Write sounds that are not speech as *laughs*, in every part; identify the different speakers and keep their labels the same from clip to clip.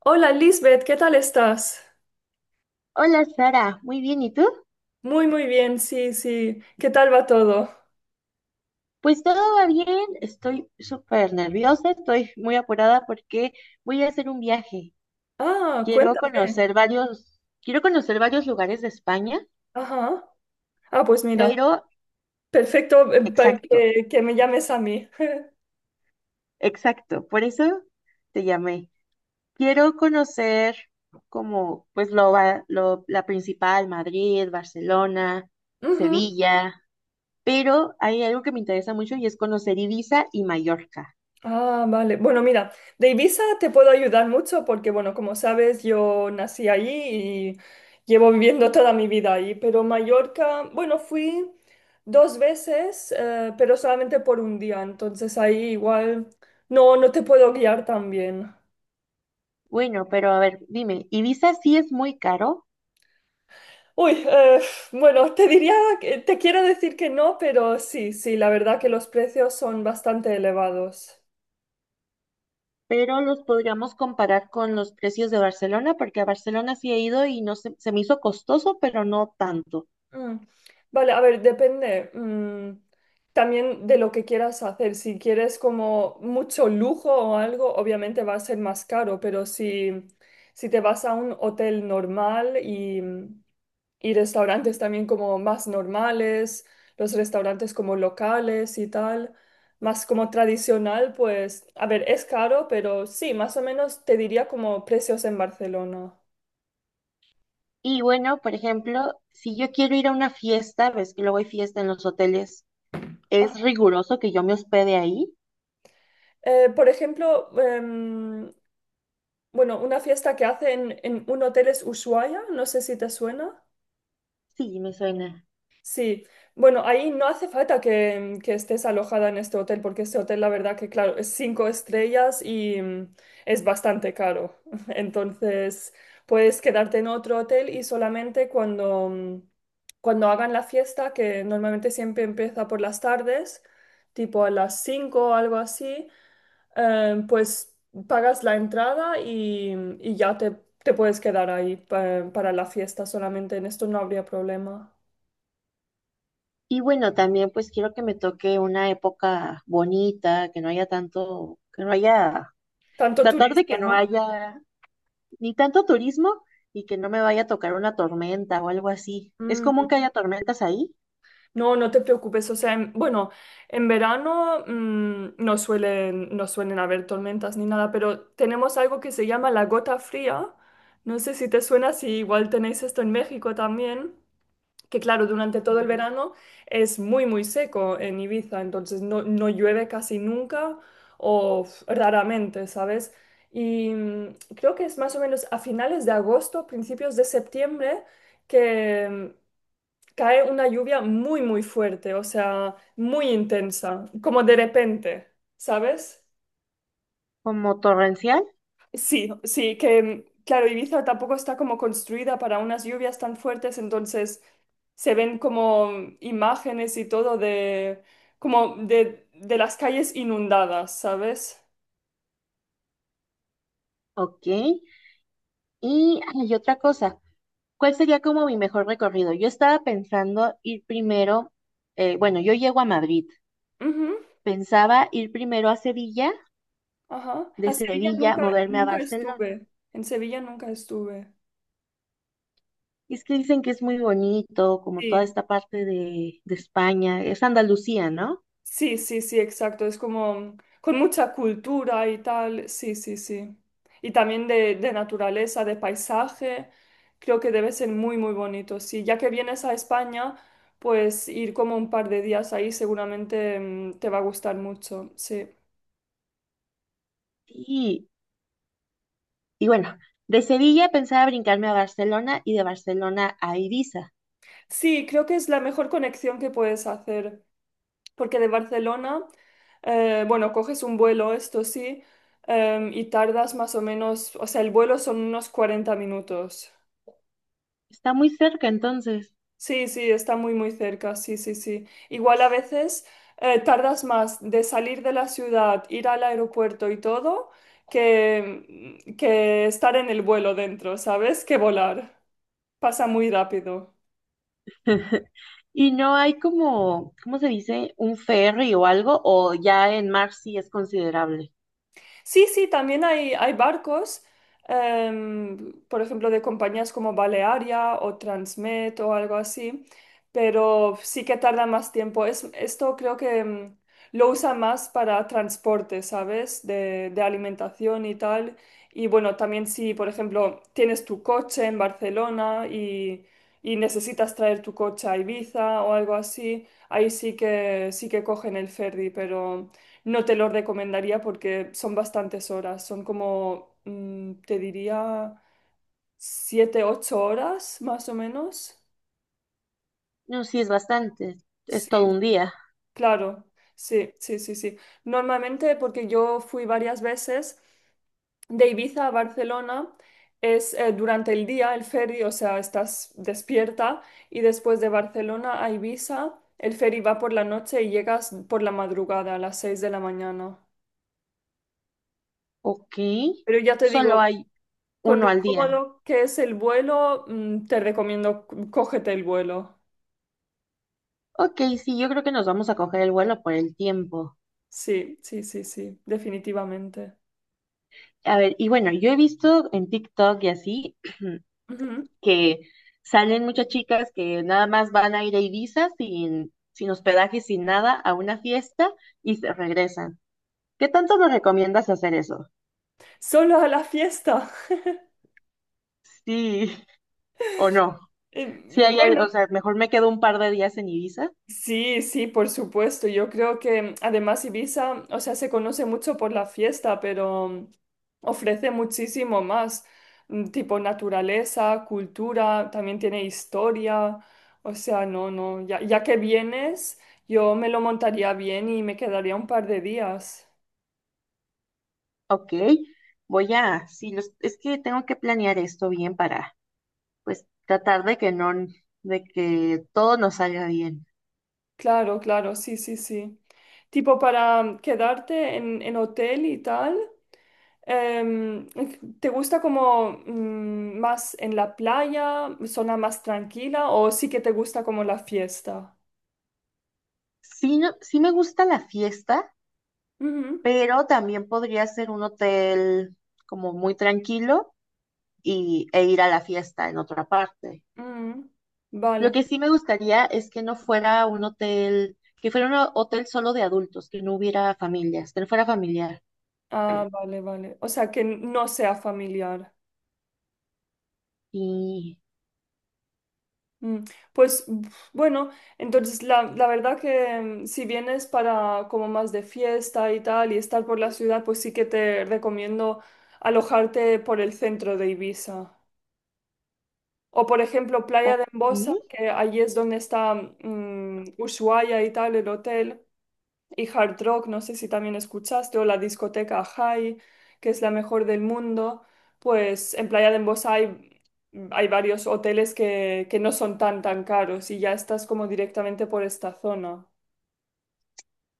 Speaker 1: Hola Lisbeth, ¿qué tal estás?
Speaker 2: Hola Sara, muy bien, ¿y tú?
Speaker 1: Muy, muy bien, sí, sí. ¿Qué tal va todo?
Speaker 2: Pues todo va bien, estoy súper nerviosa, estoy muy apurada porque voy a hacer un viaje.
Speaker 1: Ah, cuéntame.
Speaker 2: Quiero conocer varios lugares de España,
Speaker 1: Ajá. Ah, pues mira,
Speaker 2: pero
Speaker 1: perfecto para
Speaker 2: exacto,
Speaker 1: que me llames a mí.
Speaker 2: exacto, por eso te llamé. Quiero conocer como pues lo, lo la principal, Madrid, Barcelona,
Speaker 1: Ujú.
Speaker 2: Sevilla, pero hay algo que me interesa mucho y es conocer Ibiza y Mallorca.
Speaker 1: Ah, vale. Bueno, mira, de Ibiza te puedo ayudar mucho porque, bueno, como sabes, yo nací allí y llevo viviendo toda mi vida allí, pero Mallorca, bueno, fui dos veces, pero solamente por un día, entonces ahí igual no, no te puedo guiar tan bien.
Speaker 2: Bueno, pero a ver, dime, Ibiza sí es muy caro,
Speaker 1: Uy, bueno, te diría, te quiero decir que no, pero sí, sí, la verdad que los precios son bastante elevados.
Speaker 2: pero los podríamos comparar con los precios de Barcelona, porque a Barcelona sí he ido y no se me hizo costoso, pero no tanto.
Speaker 1: Mm. Vale, a ver, depende también de lo que quieras hacer. Si quieres como mucho lujo o algo, obviamente va a ser más caro, pero si te vas a un hotel normal y restaurantes también como más normales, los restaurantes como locales y tal, más como tradicional, pues, a ver, es caro, pero sí, más o menos te diría como precios en Barcelona.
Speaker 2: Y bueno, por ejemplo, si yo quiero ir a una fiesta, ves que luego hay fiesta en los hoteles, ¿es
Speaker 1: Ah,
Speaker 2: riguroso que yo me hospede ahí?
Speaker 1: por ejemplo, bueno, una fiesta que hacen en un hotel es Ushuaia, no sé si te suena.
Speaker 2: Sí, me suena.
Speaker 1: Sí, bueno, ahí no hace falta que estés alojada en este hotel, porque este hotel, la verdad que, claro, es cinco estrellas y es bastante caro. *laughs* Entonces, puedes quedarte en otro hotel y solamente cuando cuando hagan la fiesta, que normalmente siempre empieza por las tardes, tipo a las 5 o algo así, pues pagas la entrada y ya te puedes quedar ahí para la fiesta solamente. En esto no habría problema.
Speaker 2: Y bueno, también pues quiero que me toque una época bonita, que no haya tanto, que no haya,
Speaker 1: Tanto
Speaker 2: tratar de que
Speaker 1: turista,
Speaker 2: no
Speaker 1: ¿no?
Speaker 2: haya ni tanto turismo y que no me vaya a tocar una tormenta o algo así. ¿Es común
Speaker 1: Mm,
Speaker 2: que haya tormentas ahí?
Speaker 1: no, no te preocupes. O sea, bueno, en verano no suelen haber tormentas ni nada, pero tenemos algo que se llama la gota fría. No sé si te suena, si igual tenéis esto en México también. Que claro, durante todo el
Speaker 2: Mm.
Speaker 1: verano es muy, muy seco en Ibiza, entonces no, no llueve casi nunca o raramente, ¿sabes? Y creo que es más o menos a finales de agosto, principios de septiembre, que cae una lluvia muy, muy fuerte, o sea, muy intensa, como de repente, ¿sabes?
Speaker 2: ¿Como torrencial?
Speaker 1: Sí, sí, que claro, Ibiza tampoco está como construida para unas lluvias tan fuertes, entonces se ven como imágenes y todo de como de las calles inundadas, ¿sabes?
Speaker 2: Ok. Y hay otra cosa. ¿Cuál sería como mi mejor recorrido? Yo estaba pensando ir primero, bueno, yo llego a Madrid.
Speaker 1: Ujú,
Speaker 2: Pensaba ir primero a Sevilla,
Speaker 1: ajá.
Speaker 2: de
Speaker 1: A Sevilla
Speaker 2: Sevilla
Speaker 1: nunca,
Speaker 2: moverme a
Speaker 1: nunca
Speaker 2: Barcelona.
Speaker 1: estuve. En Sevilla nunca estuve.
Speaker 2: Y es que dicen que es muy bonito, como toda
Speaker 1: Sí,
Speaker 2: esta parte de España, es Andalucía, ¿no?
Speaker 1: sí, sí, sí, exacto. Es como con mucha cultura y tal. Sí, sí, sí. Y también de naturaleza, de paisaje. Creo que debe ser muy, muy bonito. Sí, ya que vienes a España, pues ir como un par de días ahí seguramente te va a gustar mucho. Sí.
Speaker 2: Sí, y bueno, de Sevilla pensaba brincarme a Barcelona y de Barcelona a Ibiza.
Speaker 1: Sí, creo que es la mejor conexión que puedes hacer, porque de Barcelona, bueno, coges un vuelo, esto sí, y tardas más o menos, o sea, el vuelo son unos 40 minutos.
Speaker 2: Está muy cerca entonces.
Speaker 1: Sí, sí, está muy, muy cerca, sí, sí, sí. Igual a veces tardas más de salir de la ciudad, ir al aeropuerto y todo, que estar en el vuelo dentro, ¿sabes? Que volar. Pasa muy rápido.
Speaker 2: *laughs* Y no hay como, ¿cómo se dice? Un ferry o algo, o ya en mar sí es considerable.
Speaker 1: Sí, sí, también hay barcos, por ejemplo, de compañías como Balearia o Transmet o algo así, pero sí que tarda más tiempo. Esto creo que lo usa más para transporte, ¿sabes? De alimentación y tal. Y bueno, también si, por ejemplo, tienes tu coche en Barcelona y necesitas traer tu coche a Ibiza o algo así, ahí sí que cogen el ferry, pero no te lo recomendaría porque son bastantes horas, son como, te diría, 7, 8 horas más o menos.
Speaker 2: No, sí es bastante, es todo
Speaker 1: Sí,
Speaker 2: un día.
Speaker 1: claro, sí, sí, sí, sí. Normalmente, porque yo fui varias veces de Ibiza a Barcelona, es durante el día el ferry, o sea, estás despierta y después de Barcelona a Ibiza, el ferry va por la noche y llegas por la madrugada a las 6 de la mañana.
Speaker 2: Ok,
Speaker 1: Pero ya te digo,
Speaker 2: solo hay
Speaker 1: con
Speaker 2: uno
Speaker 1: lo
Speaker 2: al día.
Speaker 1: cómodo que es el vuelo, te recomiendo cógete el vuelo.
Speaker 2: Ok, sí, yo creo que nos vamos a coger el vuelo por el tiempo.
Speaker 1: Sí, sí, sí, sí, definitivamente.
Speaker 2: A ver, y bueno, yo he visto en TikTok y así
Speaker 1: Ujú.
Speaker 2: que salen muchas chicas que nada más van a ir a Ibiza sin hospedaje, sin nada, a una fiesta y se regresan. ¿Qué tanto nos recomiendas hacer eso?
Speaker 1: Solo a la fiesta. *laughs*
Speaker 2: Sí *laughs* o no.
Speaker 1: Eh,
Speaker 2: Si hay,
Speaker 1: Bueno.
Speaker 2: o sea, mejor me quedo un par de días en Ibiza.
Speaker 1: Sí, sí, por supuesto. Yo creo que además Ibiza, o sea, se conoce mucho por la fiesta, pero ofrece muchísimo más, tipo naturaleza, cultura, también tiene historia. O sea, no, no, ya, ya que vienes, yo me lo montaría bien y me quedaría un par de días.
Speaker 2: Ok, voy a, sí, es que tengo que planear esto bien para, pues, tratar de que no, de que todo nos salga bien.
Speaker 1: Claro, claro, sí, sí, sí. Tipo para quedarte en hotel y tal. em, ¿Te gusta como más en la playa, zona más tranquila o sí que te gusta como la fiesta?
Speaker 2: Sí, no, sí me gusta la fiesta,
Speaker 1: Ujú,
Speaker 2: pero también podría ser un hotel como muy tranquilo y, e ir a la fiesta en otra parte.
Speaker 1: ujú. Vale,
Speaker 2: Lo que sí me gustaría es que no fuera un hotel, que fuera un hotel solo de adultos, que no hubiera familias, que no fuera familiar.
Speaker 1: ah, vale, vale. O sea, que no sea familiar.
Speaker 2: Y,
Speaker 1: Mm, Pues uf, bueno, entonces la verdad que si vienes para como más de fiesta y tal y estar por la ciudad, pues sí que te recomiendo alojarte por el centro de Ibiza. O por ejemplo, Playa
Speaker 2: ok,
Speaker 1: de Embosa, que allí es donde está Ushuaia y tal, el hotel y Hard Rock, no sé si también escuchaste, o la discoteca High, que es la mejor del mundo, pues en Playa de Embosa hay varios hoteles que no son tan tan caros y ya estás como directamente por esta zona.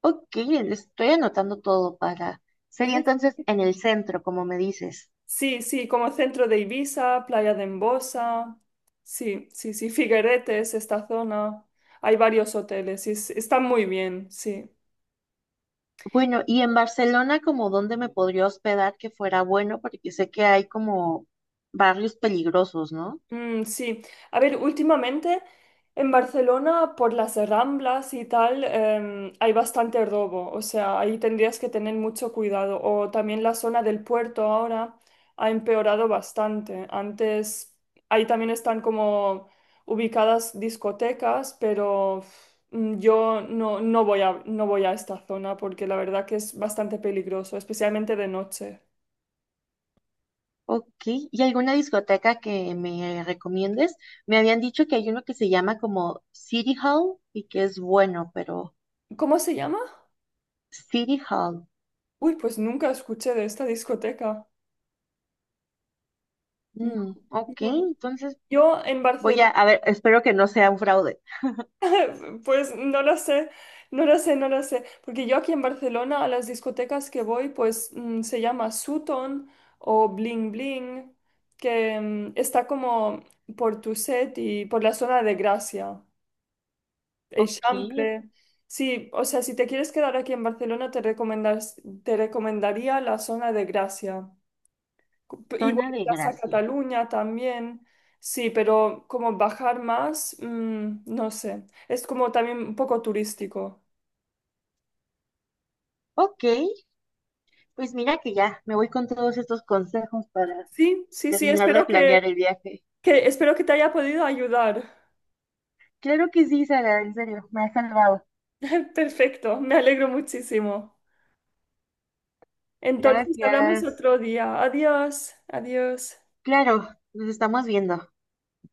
Speaker 2: ok, estoy anotando todo para... sería
Speaker 1: *laughs*
Speaker 2: entonces en el centro, como me dices.
Speaker 1: Sí, sí, como centro de Ibiza, Playa de Embosa, sí, sí, sí, Figueretes, esta zona, hay varios hoteles y están muy bien, sí.
Speaker 2: Bueno, y en Barcelona, como dónde me podría hospedar que fuera bueno, porque sé que hay como barrios peligrosos, ¿no?
Speaker 1: Mm, sí, a ver, últimamente en Barcelona por las Ramblas y tal hay bastante robo, o sea, ahí tendrías que tener mucho cuidado. O también la zona del puerto ahora ha empeorado bastante. Antes ahí también están como ubicadas discotecas, pero yo no, no voy a esta zona porque la verdad que es bastante peligroso, especialmente de noche.
Speaker 2: Ok, ¿y alguna discoteca que me recomiendes? Me habían dicho que hay uno que se llama como City Hall y que es bueno, pero
Speaker 1: ¿Cómo se llama?
Speaker 2: City Hall.
Speaker 1: Uy, pues nunca escuché de esta discoteca.
Speaker 2: Mm, ok,
Speaker 1: No, no.
Speaker 2: entonces
Speaker 1: Yo en
Speaker 2: voy
Speaker 1: Barcelona,
Speaker 2: a ver, espero que no sea un fraude.
Speaker 1: *laughs* pues no lo sé, no lo sé, no lo sé, porque yo aquí en Barcelona a las discotecas que voy, pues se llama Sutton o Bling Bling, que está como por Tuset y por la zona de Gracia,
Speaker 2: Ok,
Speaker 1: Eixample. Sí, o sea, si te quieres quedar aquí en Barcelona, te recomendaría la zona de Gracia. Igual
Speaker 2: zona de
Speaker 1: Plaza
Speaker 2: gracia.
Speaker 1: Cataluña también. Sí, pero como bajar más, no sé. Es como también un poco turístico.
Speaker 2: Ok, pues mira que ya me voy con todos estos consejos para
Speaker 1: Sí, sí, sí,
Speaker 2: terminar de
Speaker 1: espero que,
Speaker 2: planear el viaje.
Speaker 1: que, espero que te haya podido ayudar.
Speaker 2: Claro que sí, Sara, en serio, me ha salvado.
Speaker 1: *laughs* Perfecto, me alegro muchísimo. Entonces hablamos
Speaker 2: Gracias.
Speaker 1: otro día. Adiós, adiós.
Speaker 2: Claro, nos estamos viendo.